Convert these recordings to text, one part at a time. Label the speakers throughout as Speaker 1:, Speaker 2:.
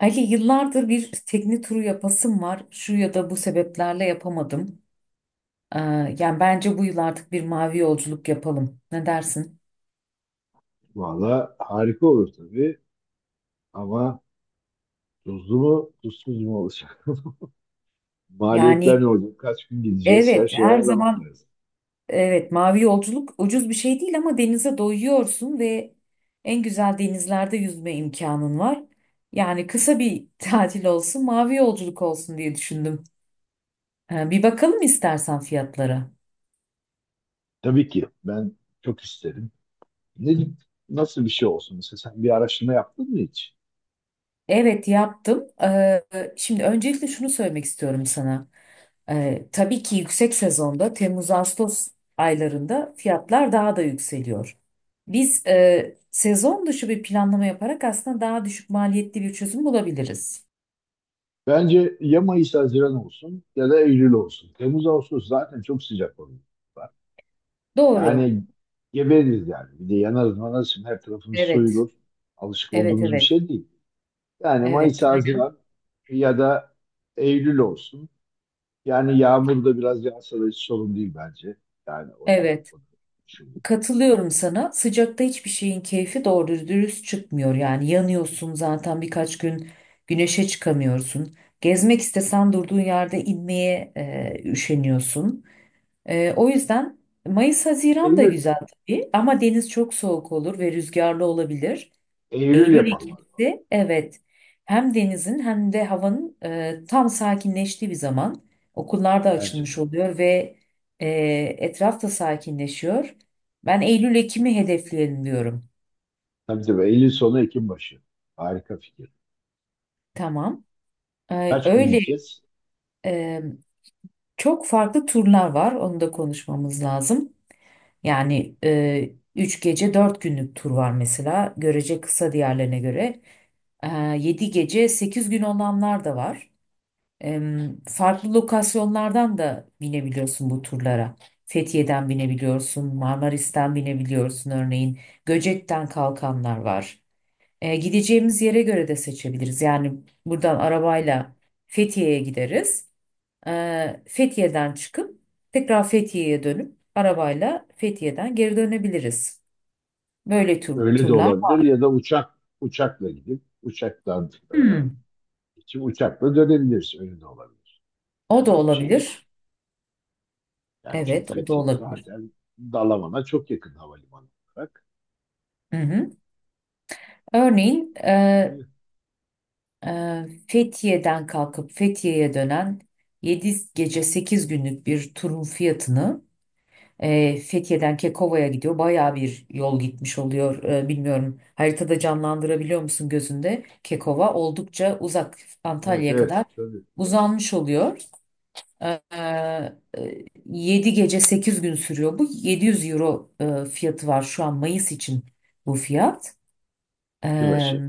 Speaker 1: Ali yıllardır bir tekne turu yapasım var. Şu ya da bu sebeplerle yapamadım. Ee, yani bence bu yıl artık bir mavi yolculuk yapalım. Ne dersin?
Speaker 2: Valla harika olur tabii ama tuzlu mu tuzsuz mu olacak? Maliyetler
Speaker 1: Yani,
Speaker 2: ne olacak? Kaç gün gideceğiz? Her
Speaker 1: evet,
Speaker 2: şeyi
Speaker 1: her
Speaker 2: ayarlamak
Speaker 1: zaman,
Speaker 2: lazım.
Speaker 1: evet, mavi yolculuk ucuz bir şey değil ama denize doyuyorsun ve en güzel denizlerde yüzme imkanın var. Yani kısa bir tatil olsun, mavi yolculuk olsun diye düşündüm. Bir bakalım istersen fiyatlara.
Speaker 2: Tabii ki ben çok isterim. Ne, Nasıl bir şey olsun? Mesela sen bir araştırma yaptın mı hiç?
Speaker 1: Evet, yaptım. Şimdi öncelikle şunu söylemek istiyorum sana. Tabii ki yüksek sezonda Temmuz-Ağustos aylarında fiyatlar daha da yükseliyor. Biz sezon dışı bir planlama yaparak aslında daha düşük maliyetli bir çözüm bulabiliriz.
Speaker 2: Bence ya Mayıs Haziran olsun ya da Eylül olsun. Temmuz Ağustos zaten çok sıcak oluyor.
Speaker 1: Doğru.
Speaker 2: Yani gebeririz yani. Bir de yanarız manarız. Şimdi her tarafımız
Speaker 1: Evet.
Speaker 2: soyulur. Alışık
Speaker 1: Evet,
Speaker 2: olduğumuz bir
Speaker 1: evet.
Speaker 2: şey değil. Yani Mayıs
Speaker 1: Evet.
Speaker 2: Haziran ya da Eylül olsun. Yani yağmur da biraz yağsa da hiç sorun değil bence. Yani onu da,
Speaker 1: Evet.
Speaker 2: onu da düşündüm.
Speaker 1: Katılıyorum sana. Sıcakta hiçbir şeyin keyfi doğru dürüst çıkmıyor. Yani yanıyorsun zaten birkaç gün güneşe çıkamıyorsun. Gezmek istesen durduğun yerde inmeye üşeniyorsun. O yüzden Mayıs-Haziran da
Speaker 2: Eylül,
Speaker 1: güzel tabii ama deniz çok soğuk olur ve rüzgarlı olabilir.
Speaker 2: Eylül yapalım o zaman.
Speaker 1: Eylül-Ekim'si, evet, hem denizin hem de havanın tam sakinleştiği bir zaman. Okullar da
Speaker 2: Bence
Speaker 1: açılmış
Speaker 2: de.
Speaker 1: oluyor ve e, etraf da sakinleşiyor. Ben Eylül-Ekim'i hedefleyelim diyorum.
Speaker 2: Tabii tabii, Eylül sonu Ekim başı. Harika fikir.
Speaker 1: Tamam. Ee,
Speaker 2: Kaç gün
Speaker 1: öyle
Speaker 2: gideceğiz?
Speaker 1: e, çok farklı turlar var, onu da konuşmamız lazım. Yani 3 gece 4 günlük tur var mesela. Görece kısa diğerlerine göre. E, 7 gece 8 gün olanlar da var. E, farklı lokasyonlardan da binebiliyorsun bu turlara. Fethiye'den binebiliyorsun, Marmaris'ten binebiliyorsun örneğin. Göcek'ten kalkanlar var. Gideceğimiz yere göre de seçebiliriz. Yani buradan arabayla Fethiye'ye gideriz. Fethiye'den çıkıp tekrar Fethiye'ye dönüp arabayla Fethiye'den geri dönebiliriz. Böyle
Speaker 2: Öyle de
Speaker 1: turlar.
Speaker 2: olabilir, ya da uçakla gidip uçaktan
Speaker 1: Hmm,
Speaker 2: geçip uçakla dönebiliriz. Öyle de olabilir.
Speaker 1: o
Speaker 2: Yani
Speaker 1: da
Speaker 2: öyle bir şey de.
Speaker 1: olabilir.
Speaker 2: Yani çünkü
Speaker 1: Evet, o da
Speaker 2: Fethiye
Speaker 1: olabilir.
Speaker 2: zaten Dalaman'a çok yakın havalimanı olarak.
Speaker 1: Hı hı. Örneğin
Speaker 2: Tabii.
Speaker 1: Fethiye'den kalkıp Fethiye'ye dönen 7 gece 8 günlük bir turun fiyatını. Fethiye'den Kekova'ya gidiyor. Bayağı bir yol gitmiş oluyor. Bilmiyorum haritada canlandırabiliyor musun gözünde? Kekova oldukça uzak,
Speaker 2: Evet
Speaker 1: Antalya'ya
Speaker 2: evet
Speaker 1: kadar
Speaker 2: tabii.
Speaker 1: uzanmış oluyor. 7 gece 8 gün sürüyor. Bu 700 euro fiyatı var şu an Mayıs için bu fiyat. E,
Speaker 2: Yılbaşı.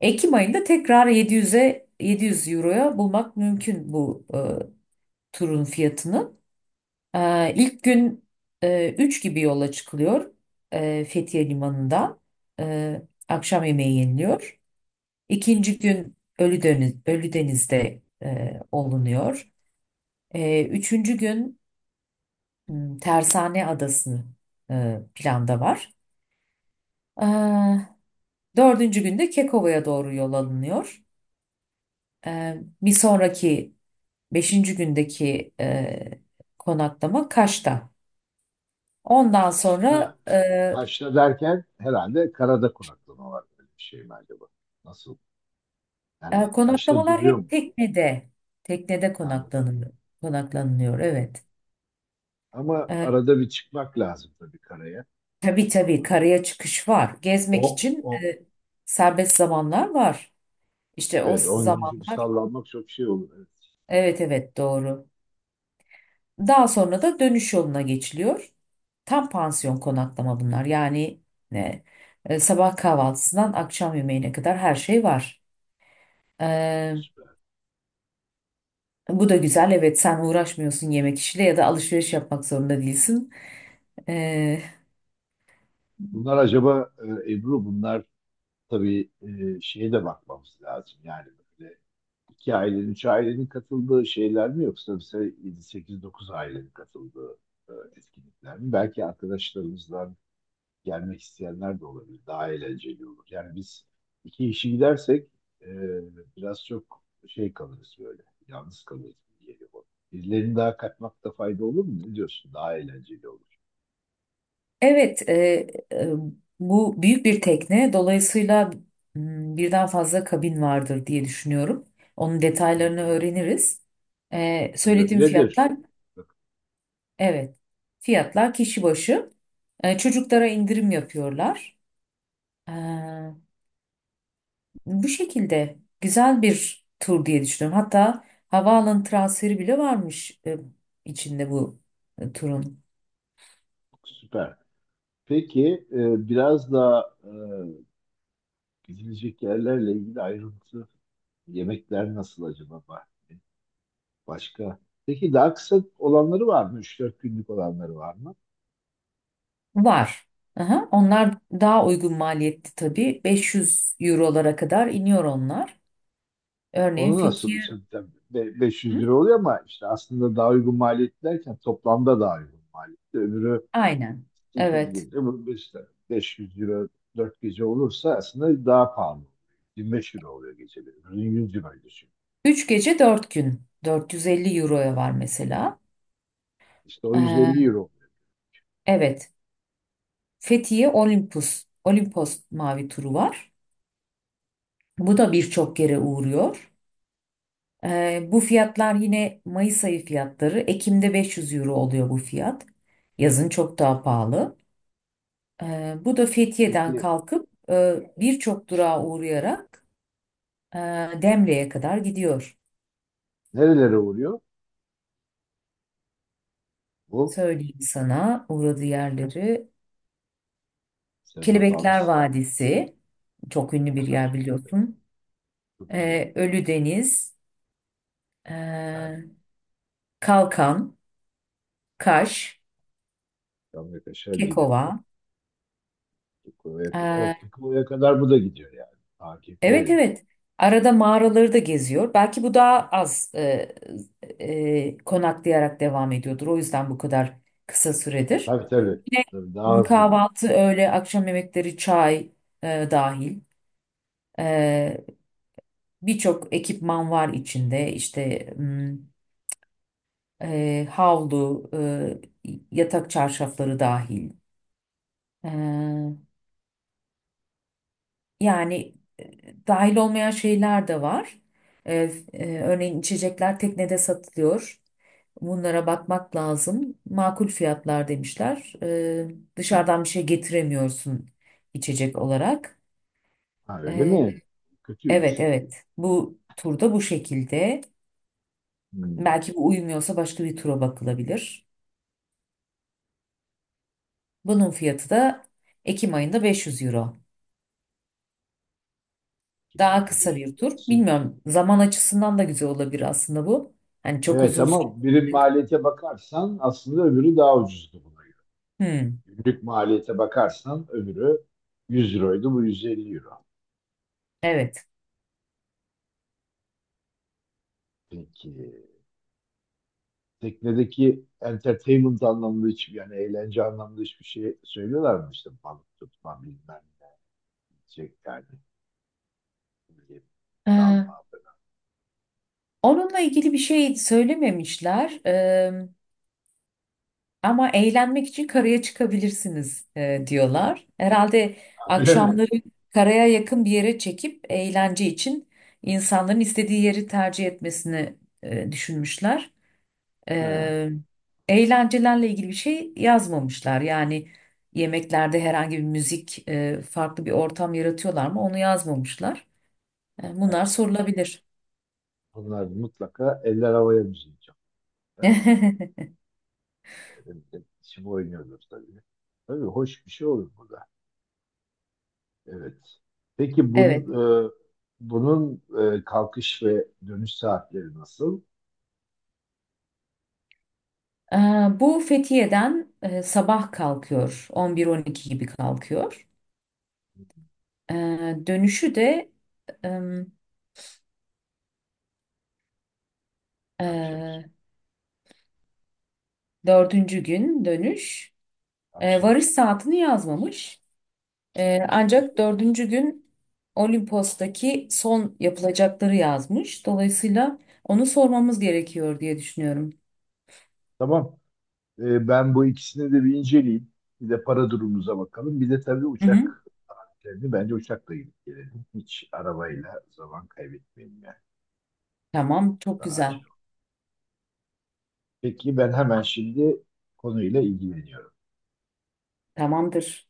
Speaker 1: Ekim ayında tekrar 700 euroya bulmak mümkün bu turun fiyatını. İlk gün 3 gibi yola çıkılıyor Fethiye Limanı'ndan. E, akşam yemeği yeniliyor. İkinci gün Ölüdeniz'de olunuyor. Üçüncü gün Tersane Adası'nı planda var. E, dördüncü günde Kekova'ya doğru yol alınıyor. E, bir sonraki beşinci gündeki konaklama Kaş'ta. Ondan sonra
Speaker 2: Ha. Taşra derken herhalde karada konaklama var, böyle bir şey mi acaba? Nasıl? Yani taşta
Speaker 1: Konaklamalar
Speaker 2: duruyor mu?
Speaker 1: hep teknede. Teknede
Speaker 2: Anladım.
Speaker 1: konaklanılıyor. Konaklanılıyor, evet.
Speaker 2: Ama
Speaker 1: E,
Speaker 2: arada bir çıkmak lazım tabii karaya.
Speaker 1: tabii tabii, karaya çıkış var. Gezmek
Speaker 2: O,
Speaker 1: için
Speaker 2: o,
Speaker 1: serbest zamanlar var. İşte o
Speaker 2: evet, 10 gün, çünkü
Speaker 1: zamanlar,
Speaker 2: sallanmak çok şey olur. Evet,
Speaker 1: evet, evet, doğru. Daha sonra da dönüş yoluna geçiliyor. Tam pansiyon konaklama bunlar. Yani e, sabah kahvaltısından akşam yemeğine kadar her şey var. E,
Speaker 2: süper.
Speaker 1: bu da güzel. Evet, sen uğraşmıyorsun yemek işiyle ya da alışveriş yapmak zorunda değilsin. E,
Speaker 2: Bunlar acaba, Ebru, bunlar tabii, şeye de bakmamız lazım. Yani böyle iki ailenin, üç ailenin katıldığı şeyler mi, yoksa mesela 7, 8, 9 ailenin katıldığı etkinlikler mi? Belki arkadaşlarımızla gelmek isteyenler de olabilir. Daha eğlenceli olur. Yani biz iki kişi gidersek e, biraz çok şey kalırız böyle. Yalnız kalırız gibi geliyor bana. Birilerini daha katmakta fayda olur mu? Ne diyorsun? Daha eğlenceli olur.
Speaker 1: Evet, e, bu büyük bir tekne. Dolayısıyla birden fazla kabin vardır diye düşünüyorum. Onun
Speaker 2: Tabii,
Speaker 1: detaylarını
Speaker 2: tabii,
Speaker 1: öğreniriz. E,
Speaker 2: tabii
Speaker 1: söylediğim
Speaker 2: öyledir.
Speaker 1: fiyatlar,
Speaker 2: Bak,
Speaker 1: evet, fiyatlar kişi başı. Çocuklara indirim yapıyorlar. E, bu şekilde güzel bir tur diye düşünüyorum. Hatta havaalanı transferi bile varmış içinde bu turun.
Speaker 2: süper. Peki, biraz daha gidilecek yerlerle ilgili ayrıntı, yemekler nasıl acaba? Başka? Peki daha kısa olanları var mı? Üç dört günlük olanları var mı?
Speaker 1: Var. Aha, onlar daha uygun maliyetli tabii. 500 eurolara kadar iniyor onlar. Örneğin
Speaker 2: Onu nasıl
Speaker 1: Fethiye.
Speaker 2: hocam? Tabii be- 500
Speaker 1: Hı?
Speaker 2: lira oluyor ama işte aslında daha uygun maliyet derken toplamda daha uygun maliyet. Öbürü
Speaker 1: Aynen.
Speaker 2: 8
Speaker 1: Evet.
Speaker 2: gece, bu işte 500 euro, 4 gece olursa aslında daha pahalı. 25 euro oluyor geceleri. Öbürünün 100 euro düşün.
Speaker 1: 3 gece 4 gün. 450 euroya var mesela.
Speaker 2: İşte o
Speaker 1: Ee,
Speaker 2: 150 euro oluyor.
Speaker 1: evet. Fethiye
Speaker 2: Yani.
Speaker 1: Olympus. Olimpos mavi turu var. Bu da birçok yere uğruyor. Bu fiyatlar yine Mayıs ayı fiyatları. Ekim'de 500 euro oluyor bu fiyat. Yazın çok daha pahalı. Bu da Fethiye'den
Speaker 2: Peki
Speaker 1: kalkıp birçok durağa uğrayarak e, Demre'ye kadar gidiyor.
Speaker 2: nerelere uğruyor? Bu
Speaker 1: Söyleyeyim sana uğradığı yerleri.
Speaker 2: senin
Speaker 1: Kelebekler
Speaker 2: hatamız.
Speaker 1: Vadisi, çok ünlü bir yer
Speaker 2: Çok,
Speaker 1: biliyorsun.
Speaker 2: çok güzel.
Speaker 1: Ölüdeniz,
Speaker 2: Ben
Speaker 1: e, Kalkan, Kaş,
Speaker 2: Amerika aşağı Dinamo.
Speaker 1: Kekova,
Speaker 2: Kekko'ya- o
Speaker 1: e,
Speaker 2: Kekko'ya kadar bu da gidiyor yani. Daha Kekko'ya
Speaker 1: evet,
Speaker 2: gidiyor.
Speaker 1: evet. Arada mağaraları da geziyor. Belki bu daha az konaklayarak devam ediyordur. O yüzden bu kadar kısa süredir.
Speaker 2: Tabii tabii.
Speaker 1: Yine
Speaker 2: Tabii daha hızlı gidiyor.
Speaker 1: kahvaltı, öğle, akşam yemekleri, çay dahil. E, birçok ekipman var içinde. İşte havlu, yatak çarşafları dahil. E, Yani dahil olmayan şeyler de var. E, örneğin içecekler teknede satılıyor. Bunlara bakmak lazım. Makul fiyatlar demişler. Dışarıdan bir şey getiremiyorsun içecek olarak.
Speaker 2: Ha, öyle
Speaker 1: E,
Speaker 2: mi?
Speaker 1: evet,
Speaker 2: Kötüymüş.
Speaker 1: evet, bu turda bu şekilde.
Speaker 2: Hmm.
Speaker 1: Belki bu uyumuyorsa başka bir tura bakılabilir. Bunun fiyatı da Ekim ayında 500 euro.
Speaker 2: Ekim
Speaker 1: Daha
Speaker 2: ayında
Speaker 1: kısa
Speaker 2: 500
Speaker 1: bir
Speaker 2: lira.
Speaker 1: tur.
Speaker 2: Aslında
Speaker 1: Bilmiyorum zaman açısından da güzel olabilir aslında bu. Hani çok
Speaker 2: evet,
Speaker 1: uzun süre.
Speaker 2: ama birim maliyete bakarsan aslında öbürü daha ucuzdu buna göre.
Speaker 1: Hmm,
Speaker 2: Günlük maliyete bakarsan öbürü 100 euroydu, bu 150 euro.
Speaker 1: evet.
Speaker 2: Peki teknedeki entertainment anlamında hiçbir, yani eğlence anlamında hiçbir şey söylüyorlar mı? İşte balık tutma bilmem ne şey yani, ne bileyim,
Speaker 1: Ee,
Speaker 2: dalma falan.
Speaker 1: onunla ilgili bir şey söylememişler. Ama eğlenmek için karaya çıkabilirsiniz diyorlar. Herhalde
Speaker 2: Öyle mi?
Speaker 1: akşamları karaya yakın bir yere çekip eğlence için insanların istediği yeri tercih etmesini düşünmüşler.
Speaker 2: Ha,
Speaker 1: Ee, eğlencelerle ilgili bir şey yazmamışlar. Yani yemeklerde herhangi bir müzik, farklı bir ortam yaratıyorlar mı? Onu yazmamışlar. E,
Speaker 2: evet,
Speaker 1: bunlar
Speaker 2: bunlar
Speaker 1: sorulabilir.
Speaker 2: onlar mutlaka eller havaya müziği çalıyor. Şimdi oynuyoruz tabii. Tabii hoş bir şey olur bu da. Evet. Peki
Speaker 1: Evet.
Speaker 2: bunun, bunun kalkış ve dönüş saatleri nasıl?
Speaker 1: Ee, bu Fethiye'den sabah kalkıyor. 11-12 gibi kalkıyor. Ee, dönüşü de em,
Speaker 2: Akşam,
Speaker 1: e, dördüncü gün dönüş. Ee,
Speaker 2: akşam.
Speaker 1: varış saatini yazmamış. Ancak
Speaker 2: İşte.
Speaker 1: dördüncü gün Olimpos'taki son yapılacakları yazmış. Dolayısıyla onu sormamız gerekiyor diye düşünüyorum.
Speaker 2: Tamam. E, ben bu ikisini de bir inceleyeyim. Bir de para durumumuza bakalım. Bir de tabii
Speaker 1: Hı hı.
Speaker 2: uçak. Yani bence uçakla gidip gelelim. Hiç arabayla zaman kaybetmeyelim yani.
Speaker 1: Tamam, çok
Speaker 2: Daha
Speaker 1: güzel.
Speaker 2: acil. Peki ben hemen şimdi konuyla ilgileniyorum.
Speaker 1: Tamamdır.